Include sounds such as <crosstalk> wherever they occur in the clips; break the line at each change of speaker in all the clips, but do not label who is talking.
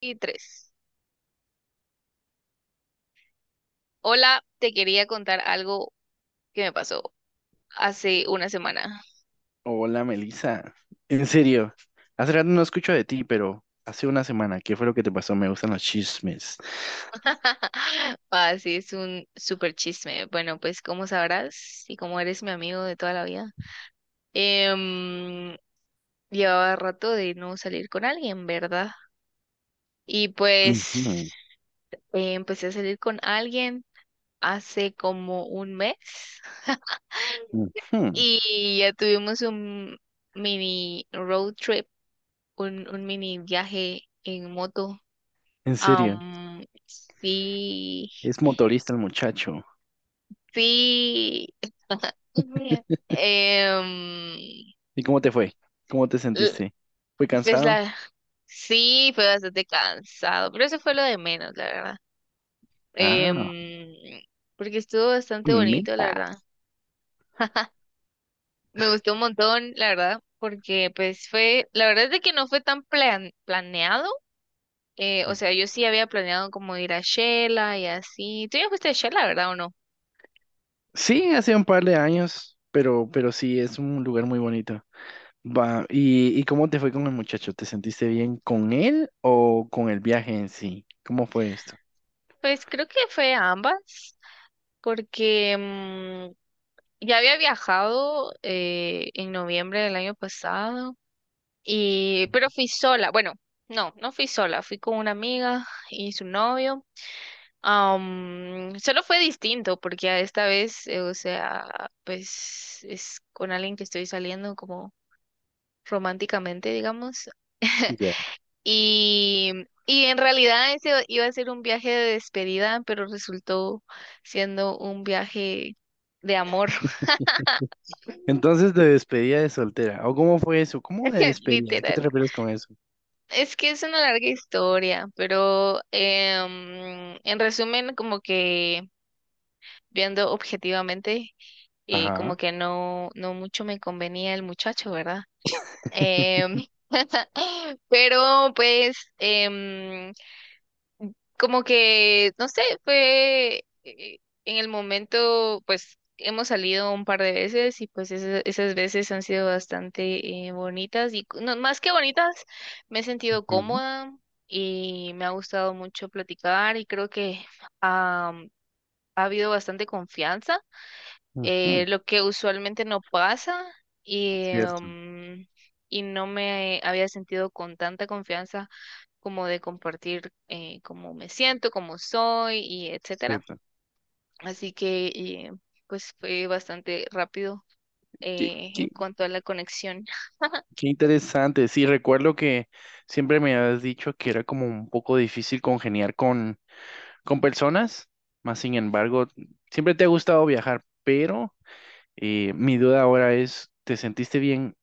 Y tres. Hola, te quería contar algo que me pasó hace una semana.
Hola, Melissa. En serio, hace rato no escucho de ti, pero hace una semana, ¿qué fue lo que te pasó? Me gustan los chismes.
<laughs> Ah, sí, es un súper chisme. Bueno, pues como sabrás y como eres mi amigo de toda la vida, em, llevaba rato de no salir con alguien, ¿verdad? Y pues
Ujú,
empecé a salir con alguien hace como un mes <laughs>
ujú.
y ya tuvimos un mini road trip, un mini viaje en moto.
En serio,
Sí,
es motorista el muchacho.
sí. <laughs> Em,
¿Y cómo te fue? ¿Cómo te
l-
sentiste? ¿Fue
pues
cansado?
la, sí, fue bastante cansado, pero eso fue lo de menos, la verdad.
Ah,
Em, Porque estuvo bastante bonito, la
mega.
verdad. <laughs> Me gustó un montón, la verdad, porque pues fue, la verdad es de que no fue tan planeado. O sea, yo sí había planeado como ir a Shela y así. ¿Tú ya fuiste a Shela, verdad o no?
Sí, hace un par de años, pero sí, es un lugar muy bonito. Va, ¿y cómo te fue con el muchacho? ¿Te sentiste bien con él o con el viaje en sí? ¿Cómo fue esto?
Pues creo que fue a ambas. Porque ya había viajado en noviembre del año pasado, y, pero fui sola. Bueno, no fui sola, fui con una amiga y su novio. Solo fue distinto porque a esta vez, o sea, pues es con alguien que estoy saliendo como románticamente, digamos. <laughs>
Ya.
Y, y en realidad ese iba a ser un viaje de despedida, pero resultó siendo un viaje de amor. <laughs>
Entonces, de despedida de soltera. ¿O cómo fue eso? ¿Cómo de despedida? ¿A qué te
Literal.
refieres con eso?
Es que es una larga historia, pero en resumen, como que viendo objetivamente,
Ajá.
como que no, no mucho me convenía el muchacho, ¿verdad? Em, <laughs> pero pues como que, no sé, fue en el momento, pues hemos salido un par de veces y pues esas veces han sido bastante bonitas y no, más que bonitas, me he sentido
Ujú,
cómoda y me ha gustado mucho platicar y creo que am, ha habido bastante confianza,
ujú.
lo que usualmente no pasa y,
Cierto,
y no me había sentido con tanta confianza como de compartir, cómo me siento, cómo soy y etcétera.
cierto.
Así que pues fue bastante rápido
Qué,
en
qué-
cuanto a la conexión.
Qué interesante. Sí, recuerdo que siempre me habías dicho que era como un poco difícil congeniar con personas, más sin embargo, siempre te ha gustado viajar, pero mi duda ahora es, ¿te sentiste bien?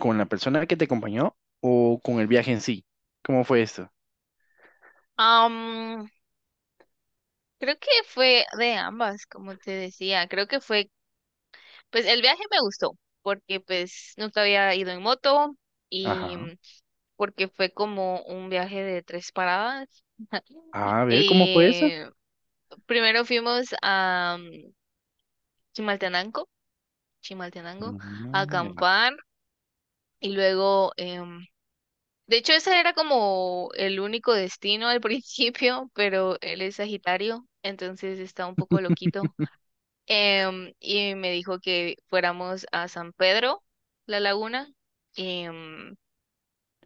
¿Con la persona que te acompañó o con el viaje en sí? ¿Cómo fue eso?
Am, Creo que fue de ambas, como te decía, creo que fue. Pues el viaje me gustó porque pues nunca había ido en moto y
Ajá.
porque fue como un viaje de tres paradas. <laughs>
A ver, ¿cómo fue eso?
Eh, primero fuimos a Chimaltenango, Chimaltenango, a
Mm, ya.
acampar y luego, de hecho ese era como el único destino al <laughs> principio, pero él es Sagitario, entonces está un poco loquito. Y me dijo que fuéramos a San Pedro, la laguna, em,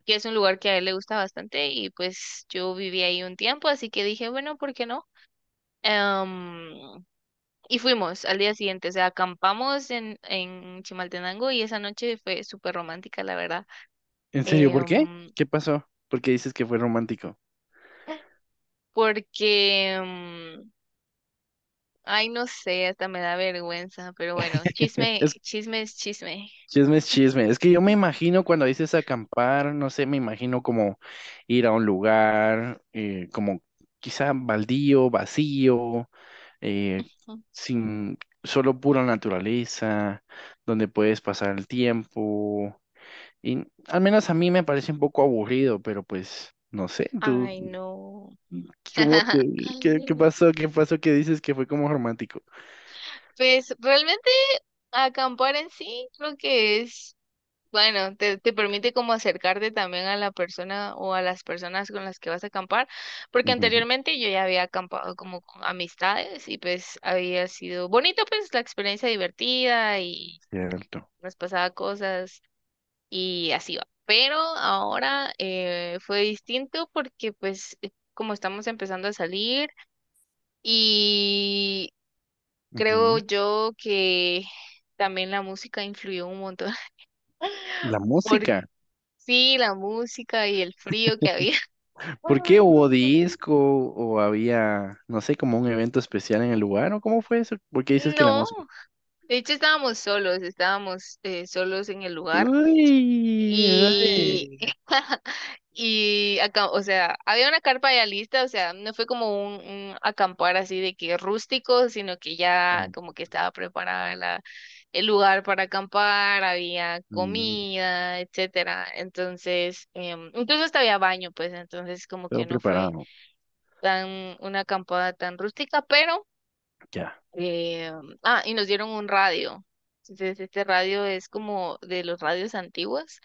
que es un lugar que a él le gusta bastante y pues yo viví ahí un tiempo, así que dije, bueno, ¿por qué no? Em, y fuimos al día siguiente, o sea, acampamos en Chimaltenango y esa noche fue súper romántica, la verdad.
¿En serio? ¿Por qué?
Em,
¿Qué pasó? ¿Por qué dices que fue romántico?
Porque, ay, no sé, hasta me da vergüenza, pero bueno,
<laughs>
chisme,
Es
chisme es chisme.
chisme, es chisme. Es que yo me imagino cuando dices acampar, no sé, me imagino como ir a un lugar, como quizá baldío, vacío, eh,
<laughs>
sin solo pura naturaleza, donde puedes pasar el tiempo. Y al menos a mí me parece un poco aburrido, pero pues no sé, tú,
Ay, no.
¿cómo te, qué
<laughs>
pasó? ¿Qué pasó que dices que fue como romántico?
Pues realmente acampar en sí creo que es, bueno, te permite como acercarte también a la persona o a las personas con las que vas a acampar, porque
Ujú,
anteriormente yo ya había acampado como con amistades y pues había sido bonito, pues la experiencia divertida y
cierto.
nos pasaba cosas y así va. Pero ahora fue distinto porque pues como estamos empezando a salir, y creo
Ujú.
yo que también la música influyó un montón. <laughs>
La
Por
música.
sí, la música y el frío que había.
¿Por qué hubo
<laughs>
disco o había, no sé, como un evento especial en el lugar o cómo fue eso? ¿Por qué dices que la
No,
música?
de hecho estábamos solos en el lugar.
Uy,
Y,
ay.
<laughs> y acá, o sea, había una carpa ya lista, o sea, no fue como un acampar así de que rústico, sino que
Ah,
ya como que estaba preparada el lugar para acampar, había
mm,
comida, etcétera. Entonces, incluso hasta había baño, pues, entonces como
todo
que no fue
preparado.
tan una acampada tan rústica, pero
Ya.
eh, ah, y nos dieron un radio. Entonces, este radio es como de los radios antiguos.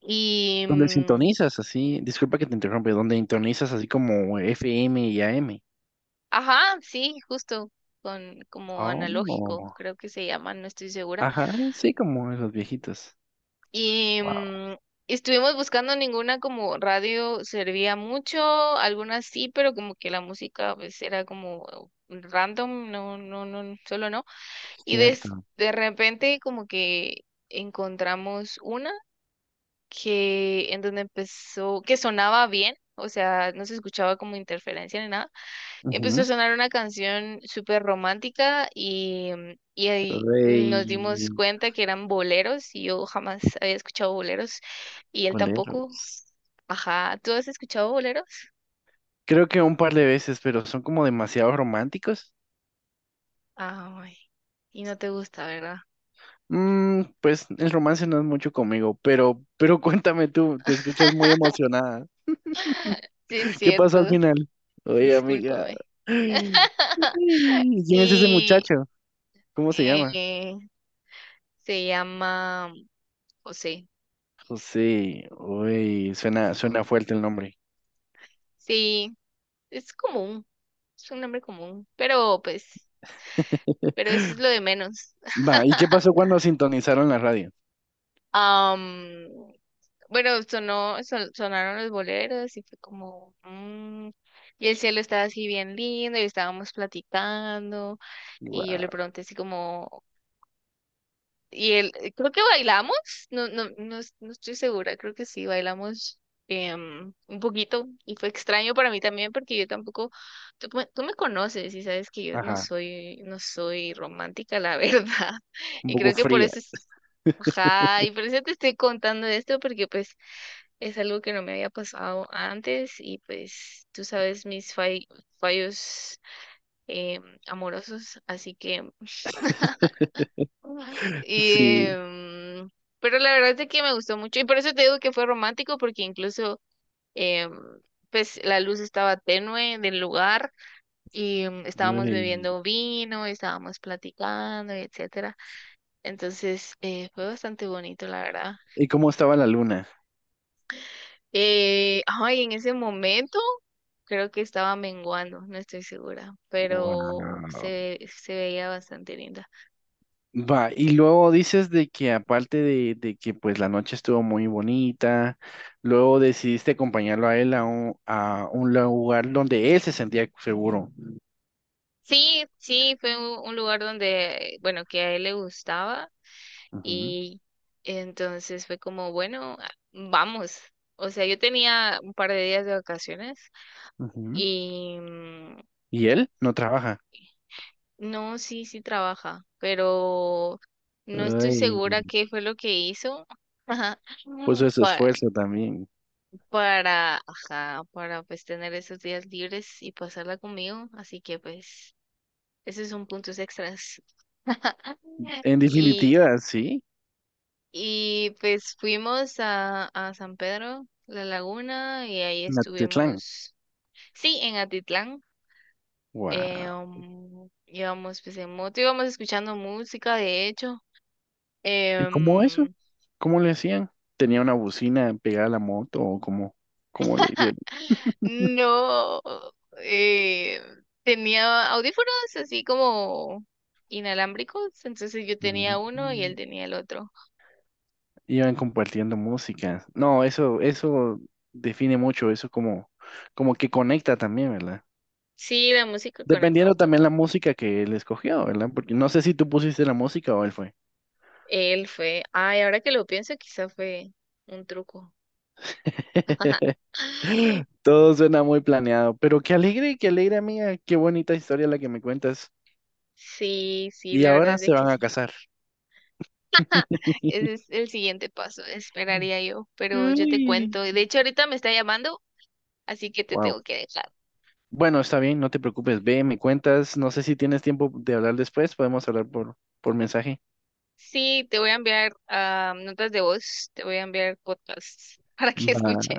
Y
¿Dónde sintonizas así? Disculpa que te interrumpe. ¿Dónde sintonizas así como FM y AM?
ajá, sí, justo, con como
Oh,
analógico, creo que se llama, no estoy segura.
ajá, sí, como los viejitos.
Y
Wow.
estuvimos buscando, ninguna como radio servía mucho, algunas sí, pero como que la música pues era como random, no, no, no, solo no. Y
Cierto.
de repente como que encontramos una que en donde empezó, que sonaba bien, o sea, no se escuchaba como interferencia ni nada. Y empezó a
Ujú.
sonar una canción súper romántica y, y ahí nos dimos
Rey
cuenta que eran boleros y yo jamás había escuchado boleros y él tampoco.
boleros.
Ajá, ¿tú has escuchado boleros?
Creo que un par de veces, pero son como demasiado románticos.
Ay, y no te gusta, ¿verdad?
Mm, pues el romance no es mucho conmigo, pero <laughs> cuéntame tú, te escuchas muy emocionada.
Sí, es
¿Qué pasó al
cierto,
final? Oye, amiga.
discúlpame.
Ay,
<laughs>
¿quién es ese
Y
muchacho? ¿Cómo se llama?
eh, se llama José.
José. Uy, suena, suena fuerte el nombre.
Sí, es común, es un nombre común, pero pues,
<laughs>
pero eso es lo de menos.
Va, ¿y qué
<laughs>
pasó cuando sintonizaron la radio?
Am, bueno, sonó, sonaron los boleros y fue como, y el cielo estaba así bien lindo y estábamos platicando y yo le
Guau.
pregunté así como, y él, creo que bailamos, no, no, no, no estoy segura, creo que sí, bailamos un poquito y fue extraño para mí también porque yo tampoco, tú, tú me conoces y sabes que yo no
Ajá,
soy, no soy romántica, la <laughs> verdad,
un
y
poco
creo que por
fría.
eso ajá, y por eso te estoy contando esto, porque pues es algo que no me había pasado antes y pues tú sabes mis fallos amorosos, así que... <laughs>
<laughs>
Y,
Sí.
em, pero la verdad es que me gustó mucho y por eso te digo que fue romántico, porque incluso em, pues la luz estaba tenue del lugar y estábamos
Ay,
bebiendo vino, estábamos platicando, etcétera. Entonces fue bastante bonito, la verdad.
¿y cómo estaba la luna?
Ay, en ese momento creo que estaba menguando, no estoy segura, pero
Wow.
se veía bastante linda.
Va, y luego dices de que aparte de que pues la noche estuvo muy bonita, luego decidiste acompañarlo a él a a un lugar donde él se sentía seguro.
Sí, sí, fue un lugar donde, bueno, que a él le gustaba
Ujú,
y entonces fue como, bueno, a- vamos. O sea, yo tenía un par de días de vacaciones
ujú.
y
Y él no trabaja.
no, sí, sí trabaja, pero no estoy
Ay,
segura qué fue lo que hizo. <laughs>
puso ese
pa-
esfuerzo también.
para, ajá, para pues tener esos días libres y pasarla conmigo, así que pues esos son puntos extras. <laughs>
En
Y,
definitiva, sí,
y pues fuimos a San Pedro, la laguna, y ahí
Natitlán.
estuvimos, sí, en Atitlán.
Wow.
Um, íbamos pues en moto, íbamos escuchando música, de hecho.
¿Y cómo eso?
Em,
¿Cómo le hacían? ¿Tenía una bocina pegada a la moto o cómo, cómo le hicieron?
No, eh, tenía audífonos así como inalámbricos, entonces yo tenía uno y
Mm,
él tenía el otro.
iban compartiendo música. No, eso define mucho, eso como, como que conecta también, ¿verdad?
Sí, la música conectaba
Dependiendo
un
también
montón.
la música que él escogió, ¿verdad? Porque no sé si tú pusiste la música o él fue.
Él fue, ay, ahora que lo pienso, quizá fue un truco.
<laughs>
<laughs>
Todo suena muy planeado, pero qué alegre, amiga, qué bonita historia la que me cuentas.
Sí, sí,
Y
la verdad
ahora
es de
se
que
van a
sí.
casar. <laughs>
Ese es el siguiente paso, esperaría yo, pero yo te cuento.
Uy.
De hecho, ahorita me está llamando, así que te
Wow.
tengo que dejar.
Bueno, está bien, no te preocupes, ve, me cuentas, no sé si tienes tiempo de hablar después, podemos hablar por mensaje.
Sí, te voy a enviar notas de voz, te voy a enviar podcasts <laughs> para que
Va.
escuches.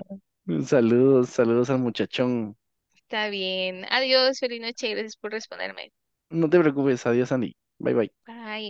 Saludos, saludos al muchachón.
Está bien. Adiós, feliz noche, gracias por responderme.
No te preocupes, adiós Andy, bye bye.
Bye.